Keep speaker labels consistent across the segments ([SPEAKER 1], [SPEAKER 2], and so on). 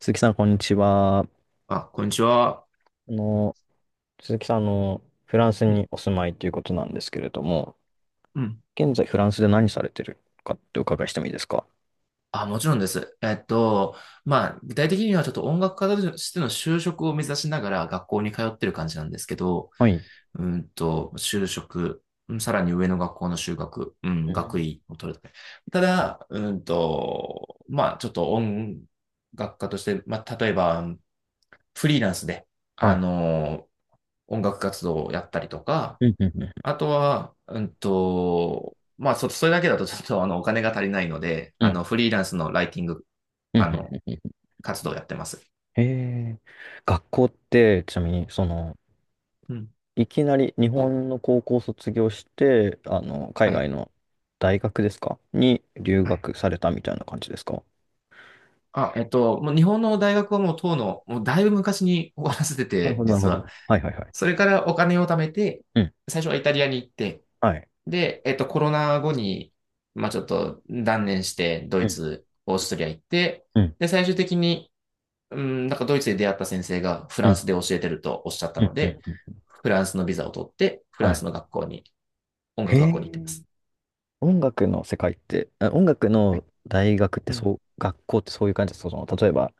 [SPEAKER 1] 鈴木さん、こんにちは。
[SPEAKER 2] あ、こんにちは。
[SPEAKER 1] の、鈴木さん、フランス
[SPEAKER 2] うん、
[SPEAKER 1] にお住まいということなんですけれども、
[SPEAKER 2] うん。
[SPEAKER 1] 現在フランスで何されてるかってお伺いしてもいいですか？
[SPEAKER 2] あ、もちろんです。まあ、具体的にはちょっと音楽家としての就職を目指しながら学校に通ってる感じなんですけど、
[SPEAKER 1] はい。
[SPEAKER 2] 就職、うん、さらに上の学校の修学、うん、
[SPEAKER 1] う
[SPEAKER 2] 学
[SPEAKER 1] ん
[SPEAKER 2] 位を取る。ただ、まあ、ちょっと音楽家として、まあ、例えば、フリーランスで、
[SPEAKER 1] は
[SPEAKER 2] あ
[SPEAKER 1] い。
[SPEAKER 2] の、音楽活動をやったりとか、
[SPEAKER 1] うん、うん、うん、
[SPEAKER 2] あとは、まあ、それだけだとちょっとお金が足りないので、
[SPEAKER 1] うん、
[SPEAKER 2] フリーランスのライティング、
[SPEAKER 1] うん、うん、
[SPEAKER 2] あの、
[SPEAKER 1] うん。うん
[SPEAKER 2] 活動をやってます。
[SPEAKER 1] へえ。学校って、ちなみに、その、
[SPEAKER 2] うん。
[SPEAKER 1] いきなり日本の高校を卒業して、海
[SPEAKER 2] はい。
[SPEAKER 1] 外の大学ですかに留
[SPEAKER 2] はい。
[SPEAKER 1] 学されたみたいな感じですか？
[SPEAKER 2] あ、もう日本の大学はもうだいぶ昔に終わ
[SPEAKER 1] あ、
[SPEAKER 2] らせて
[SPEAKER 1] なる
[SPEAKER 2] て、
[SPEAKER 1] ほど、なる
[SPEAKER 2] 実
[SPEAKER 1] ほど。
[SPEAKER 2] は。
[SPEAKER 1] はい、はい、は
[SPEAKER 2] そ
[SPEAKER 1] い。
[SPEAKER 2] れからお金を貯めて、
[SPEAKER 1] うん。
[SPEAKER 2] 最初はイタリアに行って、
[SPEAKER 1] はい。
[SPEAKER 2] で、コロナ後に、まあ、ちょっと断念して、ド
[SPEAKER 1] う
[SPEAKER 2] イ
[SPEAKER 1] ん、
[SPEAKER 2] ツ、オーストリア行って、
[SPEAKER 1] うん、
[SPEAKER 2] で、最終的に、うん、なんかドイツで出会った先生がフ
[SPEAKER 1] う
[SPEAKER 2] ランス
[SPEAKER 1] ん、
[SPEAKER 2] で教えてるとおっしゃった
[SPEAKER 1] う
[SPEAKER 2] の
[SPEAKER 1] ん、う
[SPEAKER 2] で、
[SPEAKER 1] ん。うん
[SPEAKER 2] フランスのビザを取って、フラ
[SPEAKER 1] は
[SPEAKER 2] ン
[SPEAKER 1] い
[SPEAKER 2] スの学校に、音
[SPEAKER 1] へ
[SPEAKER 2] 楽学校
[SPEAKER 1] え、
[SPEAKER 2] に行ってます。
[SPEAKER 1] 音楽の世界って、音楽
[SPEAKER 2] はい。
[SPEAKER 1] の大学って
[SPEAKER 2] う
[SPEAKER 1] そ
[SPEAKER 2] ん。
[SPEAKER 1] う、学校ってそういう感じですか？その、例えば、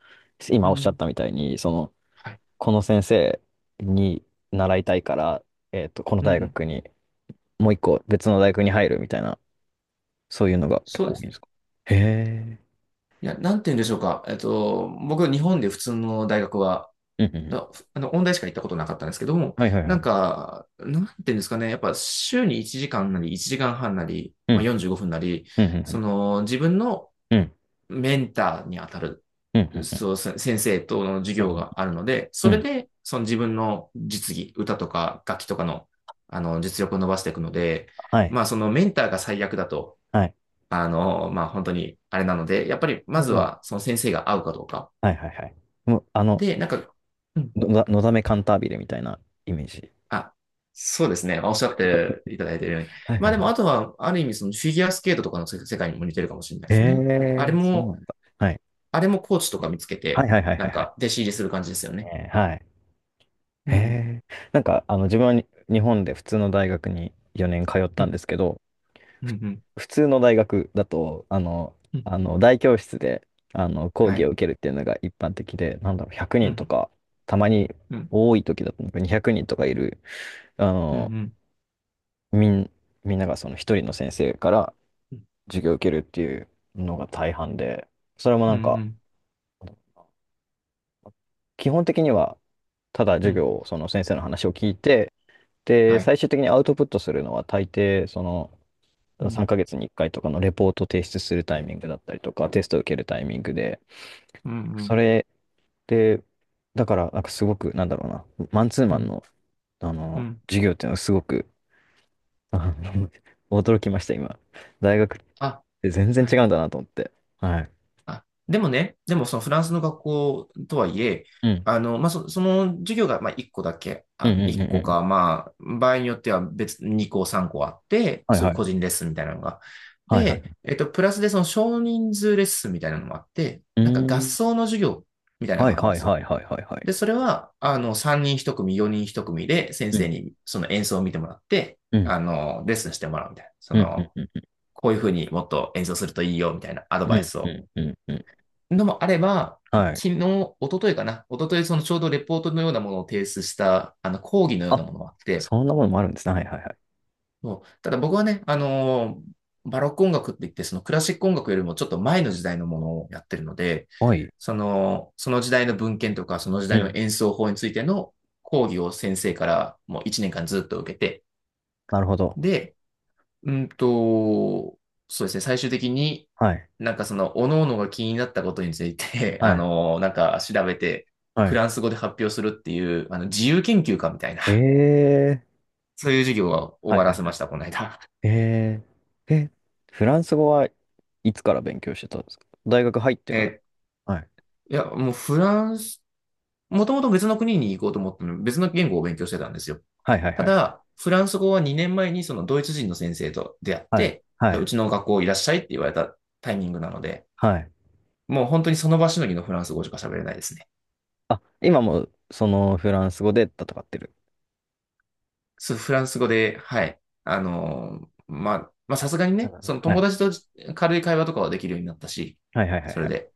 [SPEAKER 2] う
[SPEAKER 1] 今おっしゃっ
[SPEAKER 2] ん。
[SPEAKER 1] たみたいに、その、
[SPEAKER 2] はい。
[SPEAKER 1] この先生に習いたいから、この
[SPEAKER 2] う
[SPEAKER 1] 大
[SPEAKER 2] ん。
[SPEAKER 1] 学に、もう一個別の大学に入るみたいな、そういうのが結
[SPEAKER 2] そう
[SPEAKER 1] 構
[SPEAKER 2] で
[SPEAKER 1] 多い
[SPEAKER 2] す
[SPEAKER 1] んで
[SPEAKER 2] ね。
[SPEAKER 1] すか？へえ、
[SPEAKER 2] いや、なんて言うんでしょうか。僕、日本で普通の大学は、
[SPEAKER 1] うんうんうん。
[SPEAKER 2] 音大しか行ったことなかったんですけども、
[SPEAKER 1] はいはい
[SPEAKER 2] な
[SPEAKER 1] は
[SPEAKER 2] ん
[SPEAKER 1] い。
[SPEAKER 2] か、なんて言うんですかね。やっぱ、週に1時間なり、1時間半なり、
[SPEAKER 1] う
[SPEAKER 2] まあ、
[SPEAKER 1] ん、
[SPEAKER 2] 45分なり、
[SPEAKER 1] うん、う
[SPEAKER 2] そ
[SPEAKER 1] ん、
[SPEAKER 2] の、自分の
[SPEAKER 1] うん、うん、
[SPEAKER 2] メンターに当たる、
[SPEAKER 1] うん、うん、う
[SPEAKER 2] そう、先生との授
[SPEAKER 1] ん、う
[SPEAKER 2] 業
[SPEAKER 1] ん、
[SPEAKER 2] があるので、
[SPEAKER 1] う
[SPEAKER 2] それ
[SPEAKER 1] ん
[SPEAKER 2] で、その自分の実技、歌とか楽器とかの、実力を伸ばしていくので、
[SPEAKER 1] はい、
[SPEAKER 2] まあ、そのメンターが最悪だと、
[SPEAKER 1] はい。
[SPEAKER 2] まあ、本当にあれなので、やっぱり、ま
[SPEAKER 1] なる
[SPEAKER 2] ず
[SPEAKER 1] ほど
[SPEAKER 2] は、その先生が合うかどうか。
[SPEAKER 1] はいはいはい。もう、
[SPEAKER 2] で、なんか、うん、
[SPEAKER 1] のだめカンタービレみたいなイメージ。
[SPEAKER 2] あ、そうですね。おっしゃっていただいているように。
[SPEAKER 1] はい
[SPEAKER 2] ま
[SPEAKER 1] は
[SPEAKER 2] あ、
[SPEAKER 1] い
[SPEAKER 2] で
[SPEAKER 1] は
[SPEAKER 2] も、あ
[SPEAKER 1] い。
[SPEAKER 2] とは、ある意味、そのフィギュアスケートとかの世界にも似てるかもしれない
[SPEAKER 1] へ
[SPEAKER 2] ですね。あれ
[SPEAKER 1] え、そうな
[SPEAKER 2] も、
[SPEAKER 1] んだ。はい。
[SPEAKER 2] あれもコーチとか見つけ
[SPEAKER 1] はい
[SPEAKER 2] て、
[SPEAKER 1] はいはい
[SPEAKER 2] な
[SPEAKER 1] はい
[SPEAKER 2] ん
[SPEAKER 1] はい。
[SPEAKER 2] か、弟子入りする感じですよね。
[SPEAKER 1] ねはい。
[SPEAKER 2] う
[SPEAKER 1] へ
[SPEAKER 2] ん、
[SPEAKER 1] え。なんか、自分はに日本で普通の大学に4年通っ
[SPEAKER 2] う
[SPEAKER 1] たん
[SPEAKER 2] ん、
[SPEAKER 1] ですけど、
[SPEAKER 2] うん、う
[SPEAKER 1] ふ
[SPEAKER 2] ん。
[SPEAKER 1] 普通の大学だと、
[SPEAKER 2] うん、
[SPEAKER 1] あの大教室であの講
[SPEAKER 2] は
[SPEAKER 1] 義を
[SPEAKER 2] い。
[SPEAKER 1] 受けるっていうのが一般的で、なんだろう、100
[SPEAKER 2] う
[SPEAKER 1] 人と
[SPEAKER 2] ん、
[SPEAKER 1] か、たまに
[SPEAKER 2] うん、
[SPEAKER 1] 多い時だとなんか200人とかいる、あ
[SPEAKER 2] うん、う
[SPEAKER 1] の、
[SPEAKER 2] ん、
[SPEAKER 1] みん、みんながその一人の先生から
[SPEAKER 2] うん、
[SPEAKER 1] 授業を受けるっていうのが大半で、それもな
[SPEAKER 2] う
[SPEAKER 1] んか、
[SPEAKER 2] ん、
[SPEAKER 1] 基本的にはただ
[SPEAKER 2] う
[SPEAKER 1] 授
[SPEAKER 2] ん、
[SPEAKER 1] 業を、その先生の話を聞いて、で、
[SPEAKER 2] はい。
[SPEAKER 1] 最終的にアウトプットするのは大抵、その、
[SPEAKER 2] うん、
[SPEAKER 1] 3ヶ月に1回とかのレポート提出するタイミングだったりとか、テストを受けるタイミングで、
[SPEAKER 2] うん、う
[SPEAKER 1] そ
[SPEAKER 2] ん、
[SPEAKER 1] れで、だから、なんかすごく、なんだろうな、マンツー
[SPEAKER 2] う
[SPEAKER 1] マン
[SPEAKER 2] ん、
[SPEAKER 1] の、
[SPEAKER 2] うん。
[SPEAKER 1] 授業っていうのはすごく、あの 驚きました、今。大学っ
[SPEAKER 2] あ、
[SPEAKER 1] て全然
[SPEAKER 2] は
[SPEAKER 1] 違
[SPEAKER 2] い。
[SPEAKER 1] うんだなと思って。はい。
[SPEAKER 2] あ、でもそのフランスの学校とはいえ、
[SPEAKER 1] うん。
[SPEAKER 2] まあ、その授業が、まあ、1個だけ、
[SPEAKER 1] うん
[SPEAKER 2] あ、
[SPEAKER 1] うんう
[SPEAKER 2] 1
[SPEAKER 1] んう
[SPEAKER 2] 個か、
[SPEAKER 1] ん。
[SPEAKER 2] まあ、場合によっては別に2個、3個あって、
[SPEAKER 1] はい
[SPEAKER 2] そうい
[SPEAKER 1] は
[SPEAKER 2] う個
[SPEAKER 1] い。
[SPEAKER 2] 人レッスンみたいなのが。
[SPEAKER 1] はいは
[SPEAKER 2] で、
[SPEAKER 1] い。
[SPEAKER 2] プラスでその少人数レッスンみたいなのもあって、
[SPEAKER 1] う
[SPEAKER 2] なんか
[SPEAKER 1] ー
[SPEAKER 2] 合
[SPEAKER 1] ん。
[SPEAKER 2] 奏の授業みたいなの
[SPEAKER 1] は
[SPEAKER 2] が
[SPEAKER 1] い
[SPEAKER 2] あるんで
[SPEAKER 1] はい
[SPEAKER 2] す
[SPEAKER 1] は
[SPEAKER 2] よ。
[SPEAKER 1] いはいはいはい。
[SPEAKER 2] で、それは、3人1組、4人1組で先
[SPEAKER 1] う
[SPEAKER 2] 生
[SPEAKER 1] ん。
[SPEAKER 2] にその演奏を見てもらって、
[SPEAKER 1] うん。
[SPEAKER 2] レッスンしてもらうみたいな。そ
[SPEAKER 1] うんうん
[SPEAKER 2] の、
[SPEAKER 1] うん。
[SPEAKER 2] こういうふうにもっと演奏するといいよ、みたいなアド
[SPEAKER 1] う
[SPEAKER 2] バイ
[SPEAKER 1] ん、
[SPEAKER 2] ス
[SPEAKER 1] う
[SPEAKER 2] を。
[SPEAKER 1] ん、うん、うん。
[SPEAKER 2] のもあれば、
[SPEAKER 1] はい。
[SPEAKER 2] 昨日、一昨日かな。一昨日、そのちょうどレポートのようなものを提出した、講義のような
[SPEAKER 1] あ、
[SPEAKER 2] ものがあって、
[SPEAKER 1] そんなものもあるんですね。はい、はい、はい。
[SPEAKER 2] そう、ただ僕はね、バロック音楽って言って、そのクラシック音楽よりもちょっと前の時代のものをやってるので、
[SPEAKER 1] はい。
[SPEAKER 2] その、その時代の文献とか、その時
[SPEAKER 1] う
[SPEAKER 2] 代の
[SPEAKER 1] ん。
[SPEAKER 2] 演奏法についての講義を先生からもう1年間ずっと受けて、
[SPEAKER 1] なるほど。
[SPEAKER 2] で、うんと、そうですね、最終的に
[SPEAKER 1] はい、
[SPEAKER 2] なんかその、各々が気になったことについて、
[SPEAKER 1] はい、
[SPEAKER 2] なんか調べて、
[SPEAKER 1] は
[SPEAKER 2] フ
[SPEAKER 1] い。
[SPEAKER 2] ランス語で発表するっていう、自由研究家みたいな、
[SPEAKER 1] ええ
[SPEAKER 2] そういう授業を終
[SPEAKER 1] は
[SPEAKER 2] わ
[SPEAKER 1] い、は
[SPEAKER 2] ら
[SPEAKER 1] い、
[SPEAKER 2] せ
[SPEAKER 1] は
[SPEAKER 2] ま
[SPEAKER 1] い。
[SPEAKER 2] した、この間。
[SPEAKER 1] えー、え、フランス語はいつから勉強してたんですか？大学入っ てから。
[SPEAKER 2] えっ、
[SPEAKER 1] はい。
[SPEAKER 2] いや、もうフランス、もともと別の国に行こうと思ったのに、別の言語を勉強してたんですよ。
[SPEAKER 1] はい、はい、
[SPEAKER 2] た
[SPEAKER 1] はい。
[SPEAKER 2] だ、フランス語は2年前にそのドイツ人の先生と出会っ
[SPEAKER 1] はい、
[SPEAKER 2] て、
[SPEAKER 1] は
[SPEAKER 2] じゃあう
[SPEAKER 1] い、
[SPEAKER 2] ちの学校いらっしゃいって言われたタイミングなので、
[SPEAKER 1] はい。
[SPEAKER 2] もう本当にその場しのぎのフランス語しか喋れないですね。
[SPEAKER 1] あ、今もそのフランス語で戦ってる。
[SPEAKER 2] そう、フランス語で、はい。まあさすがに
[SPEAKER 1] な
[SPEAKER 2] ね、
[SPEAKER 1] るほ
[SPEAKER 2] そ
[SPEAKER 1] ど
[SPEAKER 2] の
[SPEAKER 1] は
[SPEAKER 2] 友
[SPEAKER 1] い。
[SPEAKER 2] 達と軽い会話とかはできるようになったし、
[SPEAKER 1] はいはいはい
[SPEAKER 2] そ
[SPEAKER 1] は
[SPEAKER 2] れ
[SPEAKER 1] い。
[SPEAKER 2] で。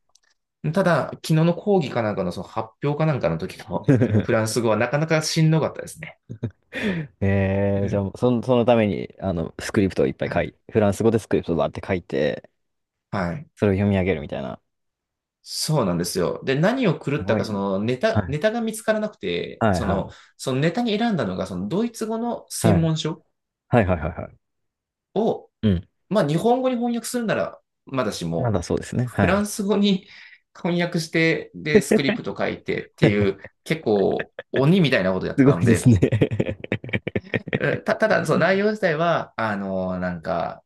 [SPEAKER 2] ただ、昨日の講義かなんかのその発表かなんかの時のフ ランス語はなかなかしんどかったですね。う
[SPEAKER 1] じゃ
[SPEAKER 2] ん、
[SPEAKER 1] あ、そのために、スクリプトをいっぱい
[SPEAKER 2] は
[SPEAKER 1] 書
[SPEAKER 2] い。
[SPEAKER 1] い、フランス語でスクリプトをバーって書いて、
[SPEAKER 2] はい。
[SPEAKER 1] それを読み上げるみたいな。
[SPEAKER 2] そうなんですよ。で、何を狂
[SPEAKER 1] す
[SPEAKER 2] った
[SPEAKER 1] ご
[SPEAKER 2] か、
[SPEAKER 1] い
[SPEAKER 2] そ
[SPEAKER 1] な。
[SPEAKER 2] の
[SPEAKER 1] はい。
[SPEAKER 2] ネタが見つからなくて、
[SPEAKER 1] はい
[SPEAKER 2] そ
[SPEAKER 1] はい。
[SPEAKER 2] の、そのネタに選んだのが、そのドイツ語の
[SPEAKER 1] は
[SPEAKER 2] 専
[SPEAKER 1] い。
[SPEAKER 2] 門書
[SPEAKER 1] はいはいはいはい。
[SPEAKER 2] を、
[SPEAKER 1] うん。
[SPEAKER 2] まあ日本語に翻訳するなら、まだし
[SPEAKER 1] ま
[SPEAKER 2] も、
[SPEAKER 1] だそうですね。
[SPEAKER 2] フ
[SPEAKER 1] はい。
[SPEAKER 2] ランス語に 翻訳して、で、スクリプト書いてっていう、結構鬼みたいなことやっ
[SPEAKER 1] す
[SPEAKER 2] て
[SPEAKER 1] ご
[SPEAKER 2] たの
[SPEAKER 1] いです
[SPEAKER 2] で、
[SPEAKER 1] ね
[SPEAKER 2] ただ、そ
[SPEAKER 1] う
[SPEAKER 2] の内
[SPEAKER 1] ん。
[SPEAKER 2] 容自体は、なんか、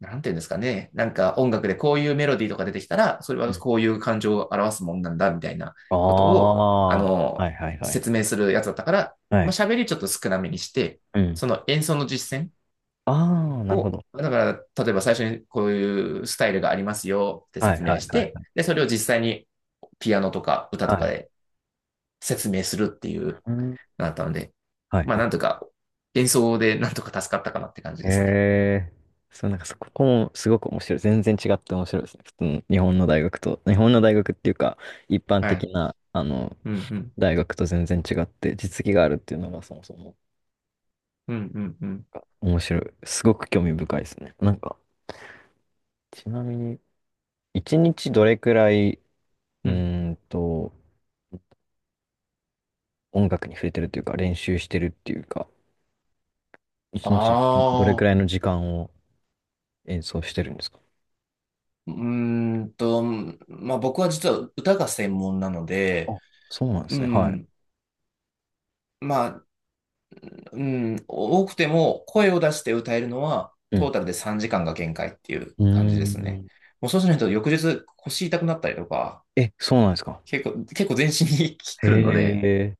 [SPEAKER 2] なんていうんですかね。なんか音楽でこういうメロディーとか出てきたら、それはこういう感情を表すもんなんだ、みたいな
[SPEAKER 1] あ
[SPEAKER 2] ことを、あ
[SPEAKER 1] あ。
[SPEAKER 2] の、
[SPEAKER 1] はいはいはい。
[SPEAKER 2] 説明するやつだったから、
[SPEAKER 1] は
[SPEAKER 2] まあ、
[SPEAKER 1] い。
[SPEAKER 2] 喋りちょっと少なめにして、
[SPEAKER 1] うん。
[SPEAKER 2] その演奏の実践
[SPEAKER 1] ああ、なるほ
[SPEAKER 2] を、
[SPEAKER 1] ど。
[SPEAKER 2] だから、例えば最初にこういうスタイルがありますよって
[SPEAKER 1] はい
[SPEAKER 2] 説明
[SPEAKER 1] はい
[SPEAKER 2] し
[SPEAKER 1] は
[SPEAKER 2] て、
[SPEAKER 1] い。
[SPEAKER 2] で、それを実際にピアノとか歌
[SPEAKER 1] は
[SPEAKER 2] とか
[SPEAKER 1] い。
[SPEAKER 2] で説明するっていう、
[SPEAKER 1] うん。
[SPEAKER 2] なったので、
[SPEAKER 1] はい
[SPEAKER 2] まあ、
[SPEAKER 1] はい。
[SPEAKER 2] なんとか、演奏でなんとか助かったかなって感じ
[SPEAKER 1] へ
[SPEAKER 2] ですね。
[SPEAKER 1] え。そう、なんかそこもすごく面白い。全然違って面白いですね。普通の日本の大学と、日本の大学っていうか、一般
[SPEAKER 2] はい。
[SPEAKER 1] 的な、
[SPEAKER 2] うん、うん。
[SPEAKER 1] 大学と全然違って、実技があるっていうのがそもそも
[SPEAKER 2] うん、うん、うん。
[SPEAKER 1] 面白い。すごく興味深いですね。なんか、ちなみに、一日どれくらい、う
[SPEAKER 2] うん、
[SPEAKER 1] ーんと、音楽に触れてるというか、練習してるっていうか、一日どれく
[SPEAKER 2] ああ、
[SPEAKER 1] らいの時間を演奏してるんですか？
[SPEAKER 2] うーんと、まあ僕は実は歌が専門なので、
[SPEAKER 1] あ、そうなんで
[SPEAKER 2] う
[SPEAKER 1] すね。はい。
[SPEAKER 2] ん、まあ、うん、多くても声を出して歌えるのは
[SPEAKER 1] う
[SPEAKER 2] ト
[SPEAKER 1] ん。
[SPEAKER 2] ータルで3時間が限界っていう
[SPEAKER 1] う
[SPEAKER 2] 感じ
[SPEAKER 1] ー
[SPEAKER 2] ですね。
[SPEAKER 1] ん。
[SPEAKER 2] もうそうしないと翌日腰痛くなったりとか、
[SPEAKER 1] え、そうなんですか。
[SPEAKER 2] 結構全身に
[SPEAKER 1] へ
[SPEAKER 2] 来るので。
[SPEAKER 1] え。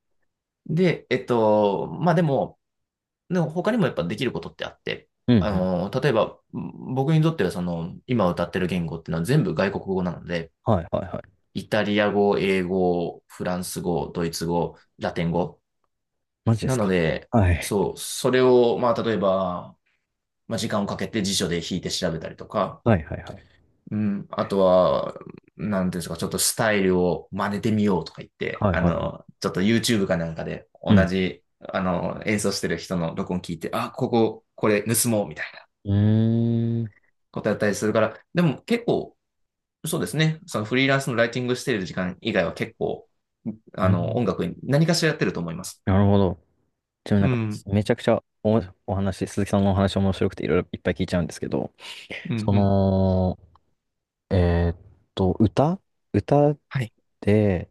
[SPEAKER 2] で、まあでも、他にもやっぱできることってあって、
[SPEAKER 1] うんうん。
[SPEAKER 2] 例えば僕にとってはその今歌ってる言語っていうのは全部外国語なので、
[SPEAKER 1] はいはいはい。
[SPEAKER 2] イタリア語、英語、フランス語、ドイツ語、ラテン語。
[SPEAKER 1] マジで
[SPEAKER 2] な
[SPEAKER 1] す
[SPEAKER 2] の
[SPEAKER 1] か。
[SPEAKER 2] で、
[SPEAKER 1] はい。
[SPEAKER 2] そう、それを、まあ、例えば、まあ、時間をかけて辞書で引いて調べたりとか、
[SPEAKER 1] はいはいはい。
[SPEAKER 2] うん、あとは、なんていうんですか、ちょっとスタイルを真似てみようとか言って、
[SPEAKER 1] はいはいは
[SPEAKER 2] ちょっと YouTube かなんかで
[SPEAKER 1] い。
[SPEAKER 2] 同
[SPEAKER 1] うん。
[SPEAKER 2] じ、演奏してる人の録音聞いて、あ、これ盗もうみたいな
[SPEAKER 1] うーん。
[SPEAKER 2] ことやったりするから、でも結構そうですね。そのフリーランスのライティングしている時間以外は結構、
[SPEAKER 1] うん。
[SPEAKER 2] 音楽に何かしらやってると思います。
[SPEAKER 1] なるほど。ちなみにな
[SPEAKER 2] う
[SPEAKER 1] んか、
[SPEAKER 2] ん。
[SPEAKER 1] めちゃくちゃお話、鈴木さんのお話面白くていろいろいっぱい聞いちゃうんですけど、
[SPEAKER 2] うん、う
[SPEAKER 1] そ
[SPEAKER 2] ん。
[SPEAKER 1] の、えーっと、歌歌
[SPEAKER 2] はい。
[SPEAKER 1] で、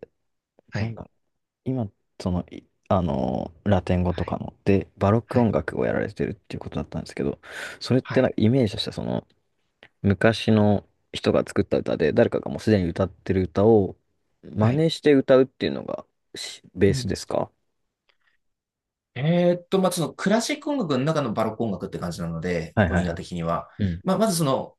[SPEAKER 2] は
[SPEAKER 1] なん
[SPEAKER 2] い。
[SPEAKER 1] だ、今、その、いラテン語と
[SPEAKER 2] は
[SPEAKER 1] か
[SPEAKER 2] い。
[SPEAKER 1] の、で、バロッ
[SPEAKER 2] は
[SPEAKER 1] ク音
[SPEAKER 2] い。
[SPEAKER 1] 楽をやられてるっていうことだったんですけど、それっ
[SPEAKER 2] は
[SPEAKER 1] てなん
[SPEAKER 2] い。
[SPEAKER 1] かイメージとしては、その、昔の人が作った歌で、誰かがもうすでに歌ってる歌を真
[SPEAKER 2] はい。
[SPEAKER 1] 似して歌うっていうのがベ
[SPEAKER 2] う
[SPEAKER 1] ース
[SPEAKER 2] ん。
[SPEAKER 1] ですか？
[SPEAKER 2] まあ、そのクラシック音楽の中のバロック音楽って感じなので、
[SPEAKER 1] はいは
[SPEAKER 2] 分
[SPEAKER 1] い
[SPEAKER 2] 野
[SPEAKER 1] はい。
[SPEAKER 2] 的には。
[SPEAKER 1] うん。
[SPEAKER 2] まあ、まずその、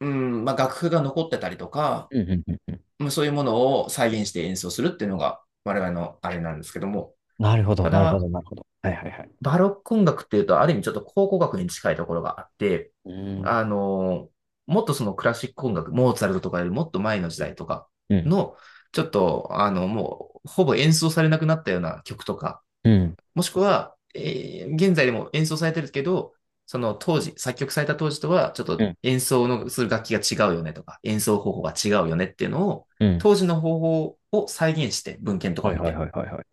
[SPEAKER 2] うん、まあ、楽譜が残ってたりとか、
[SPEAKER 1] うんうんうんうん。
[SPEAKER 2] まあそういうものを再現して演奏するっていうのが我々のあれなんですけども、
[SPEAKER 1] なるほど、
[SPEAKER 2] た
[SPEAKER 1] なるほ
[SPEAKER 2] だ、
[SPEAKER 1] ど、なるほど。はいはいはい。
[SPEAKER 2] バロック音楽っていうと、ある意味ちょっと考古学に近いところがあって、
[SPEAKER 1] うん。
[SPEAKER 2] あの、もっとそのクラシック音楽、モーツァルトとかよりもっと前の時
[SPEAKER 1] うん。
[SPEAKER 2] 代とか
[SPEAKER 1] うん。
[SPEAKER 2] の、ちょっと、もう、ほぼ演奏されなくなったような曲とか、
[SPEAKER 1] う
[SPEAKER 2] もしくは、現在でも演奏されてるけど、その当時、作曲された当時とは、ちょっと
[SPEAKER 1] ん。
[SPEAKER 2] 演奏のする楽器が違うよねとか、演奏方法が違うよねっていうのを、
[SPEAKER 1] うん。
[SPEAKER 2] 当時の方法を再現して、文献とか
[SPEAKER 1] はい
[SPEAKER 2] 見
[SPEAKER 1] はい
[SPEAKER 2] て、
[SPEAKER 1] はいはいはい。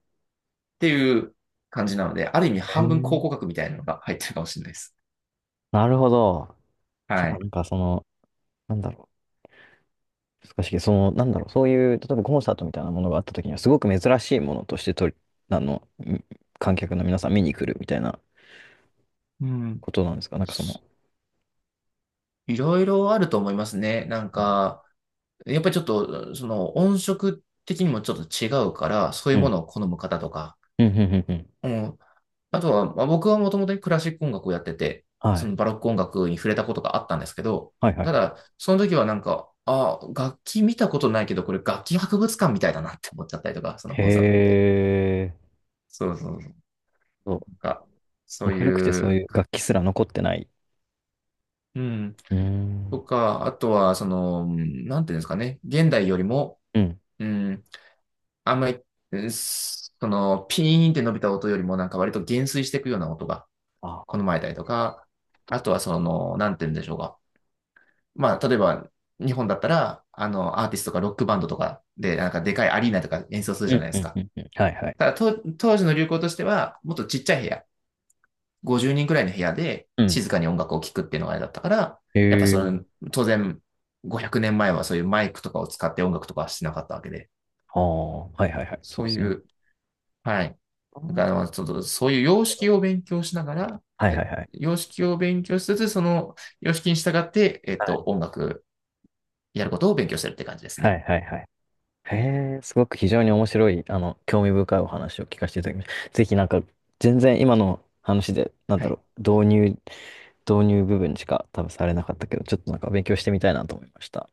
[SPEAKER 2] っていう感じなので、ある意味
[SPEAKER 1] え
[SPEAKER 2] 半分考
[SPEAKER 1] ー、
[SPEAKER 2] 古学みたいなのが入ってるかもしれないです。
[SPEAKER 1] なるほど。じ
[SPEAKER 2] は
[SPEAKER 1] ゃあ、
[SPEAKER 2] い。
[SPEAKER 1] なんかその、なんだろう。難しいけど、その、なんだろう。そういう、例えばコンサートみたいなものがあった時には、すごく珍しいものとしてあの、ん観客の皆さん見に来るみたいな
[SPEAKER 2] うん。
[SPEAKER 1] ことなんですか？なんかその。
[SPEAKER 2] いろいろあると思いますね。なん
[SPEAKER 1] うん。
[SPEAKER 2] か、やっぱりちょっと、その音色的にもちょっと違うから、そうい
[SPEAKER 1] う
[SPEAKER 2] うも
[SPEAKER 1] ん。
[SPEAKER 2] のを好む方とか、
[SPEAKER 1] うん。うん。うん
[SPEAKER 2] うん。あとは、まあ、僕はもともとクラシック音楽をやってて、
[SPEAKER 1] は
[SPEAKER 2] そ
[SPEAKER 1] い。
[SPEAKER 2] のバロック音楽に触れたことがあったんですけど、
[SPEAKER 1] はいはい
[SPEAKER 2] た
[SPEAKER 1] は
[SPEAKER 2] だ、その時はなんか、あ、楽器見たことないけど、これ楽器博物館みたいだなって思っちゃったりとか、その
[SPEAKER 1] い。
[SPEAKER 2] コンサート見て。
[SPEAKER 1] へえ。
[SPEAKER 2] そうそうそう。
[SPEAKER 1] そう
[SPEAKER 2] なんか、そ
[SPEAKER 1] も
[SPEAKER 2] う
[SPEAKER 1] う古くて
[SPEAKER 2] い
[SPEAKER 1] そう
[SPEAKER 2] う、
[SPEAKER 1] いう楽器すら残ってない。
[SPEAKER 2] うん。
[SPEAKER 1] うーん。
[SPEAKER 2] とか、あとは、その、うん、なんていうんですかね。現代よりも、
[SPEAKER 1] うん。
[SPEAKER 2] うん、あんまり、うん、その、ピーンって伸びた音よりも、なんか割と減衰していくような音が
[SPEAKER 1] あ。
[SPEAKER 2] 好まれたりとか、あとは、その、なんていうんでしょうか。まあ、例えば、日本だったら、アーティストとかロックバンドとかで、なんかでかいアリーナとか演奏する
[SPEAKER 1] う
[SPEAKER 2] じゃな
[SPEAKER 1] ん。
[SPEAKER 2] いで
[SPEAKER 1] う
[SPEAKER 2] す
[SPEAKER 1] ん。
[SPEAKER 2] か。
[SPEAKER 1] うん。うんはいはい。
[SPEAKER 2] ただ、と当時の流行としては、もっとちっちゃい部屋。50人くらいの部屋で
[SPEAKER 1] うん。
[SPEAKER 2] 静かに音楽を聴くっていうのがあれだったから、やっぱ
[SPEAKER 1] へ
[SPEAKER 2] その、
[SPEAKER 1] え。
[SPEAKER 2] 当然、500年前はそういうマイクとかを使って音楽とかはしてなかったわけで、
[SPEAKER 1] ああ、はいはいはい。そう
[SPEAKER 2] そ
[SPEAKER 1] で
[SPEAKER 2] う
[SPEAKER 1] す
[SPEAKER 2] い
[SPEAKER 1] ね。
[SPEAKER 2] う、はい。
[SPEAKER 1] あー
[SPEAKER 2] だ
[SPEAKER 1] な
[SPEAKER 2] か
[SPEAKER 1] る
[SPEAKER 2] ら、ちょっとそういう様
[SPEAKER 1] ほ
[SPEAKER 2] 式
[SPEAKER 1] ど
[SPEAKER 2] を勉強しながら、
[SPEAKER 1] はいは
[SPEAKER 2] え
[SPEAKER 1] いはい。
[SPEAKER 2] 様式を勉強しつつ、その様式に従って、
[SPEAKER 1] はい
[SPEAKER 2] 音楽やることを勉強してるって感じです
[SPEAKER 1] は
[SPEAKER 2] ね。
[SPEAKER 1] いはいはい。へえ、すごく非常に面白い、興味深いお話を聞かせていただきました。ぜひなんか、全然今の話で、なん
[SPEAKER 2] は
[SPEAKER 1] だ
[SPEAKER 2] い。
[SPEAKER 1] ろう、導入部分しか多分されなかったけど、ちょっとなんか勉強してみたいなと思いました。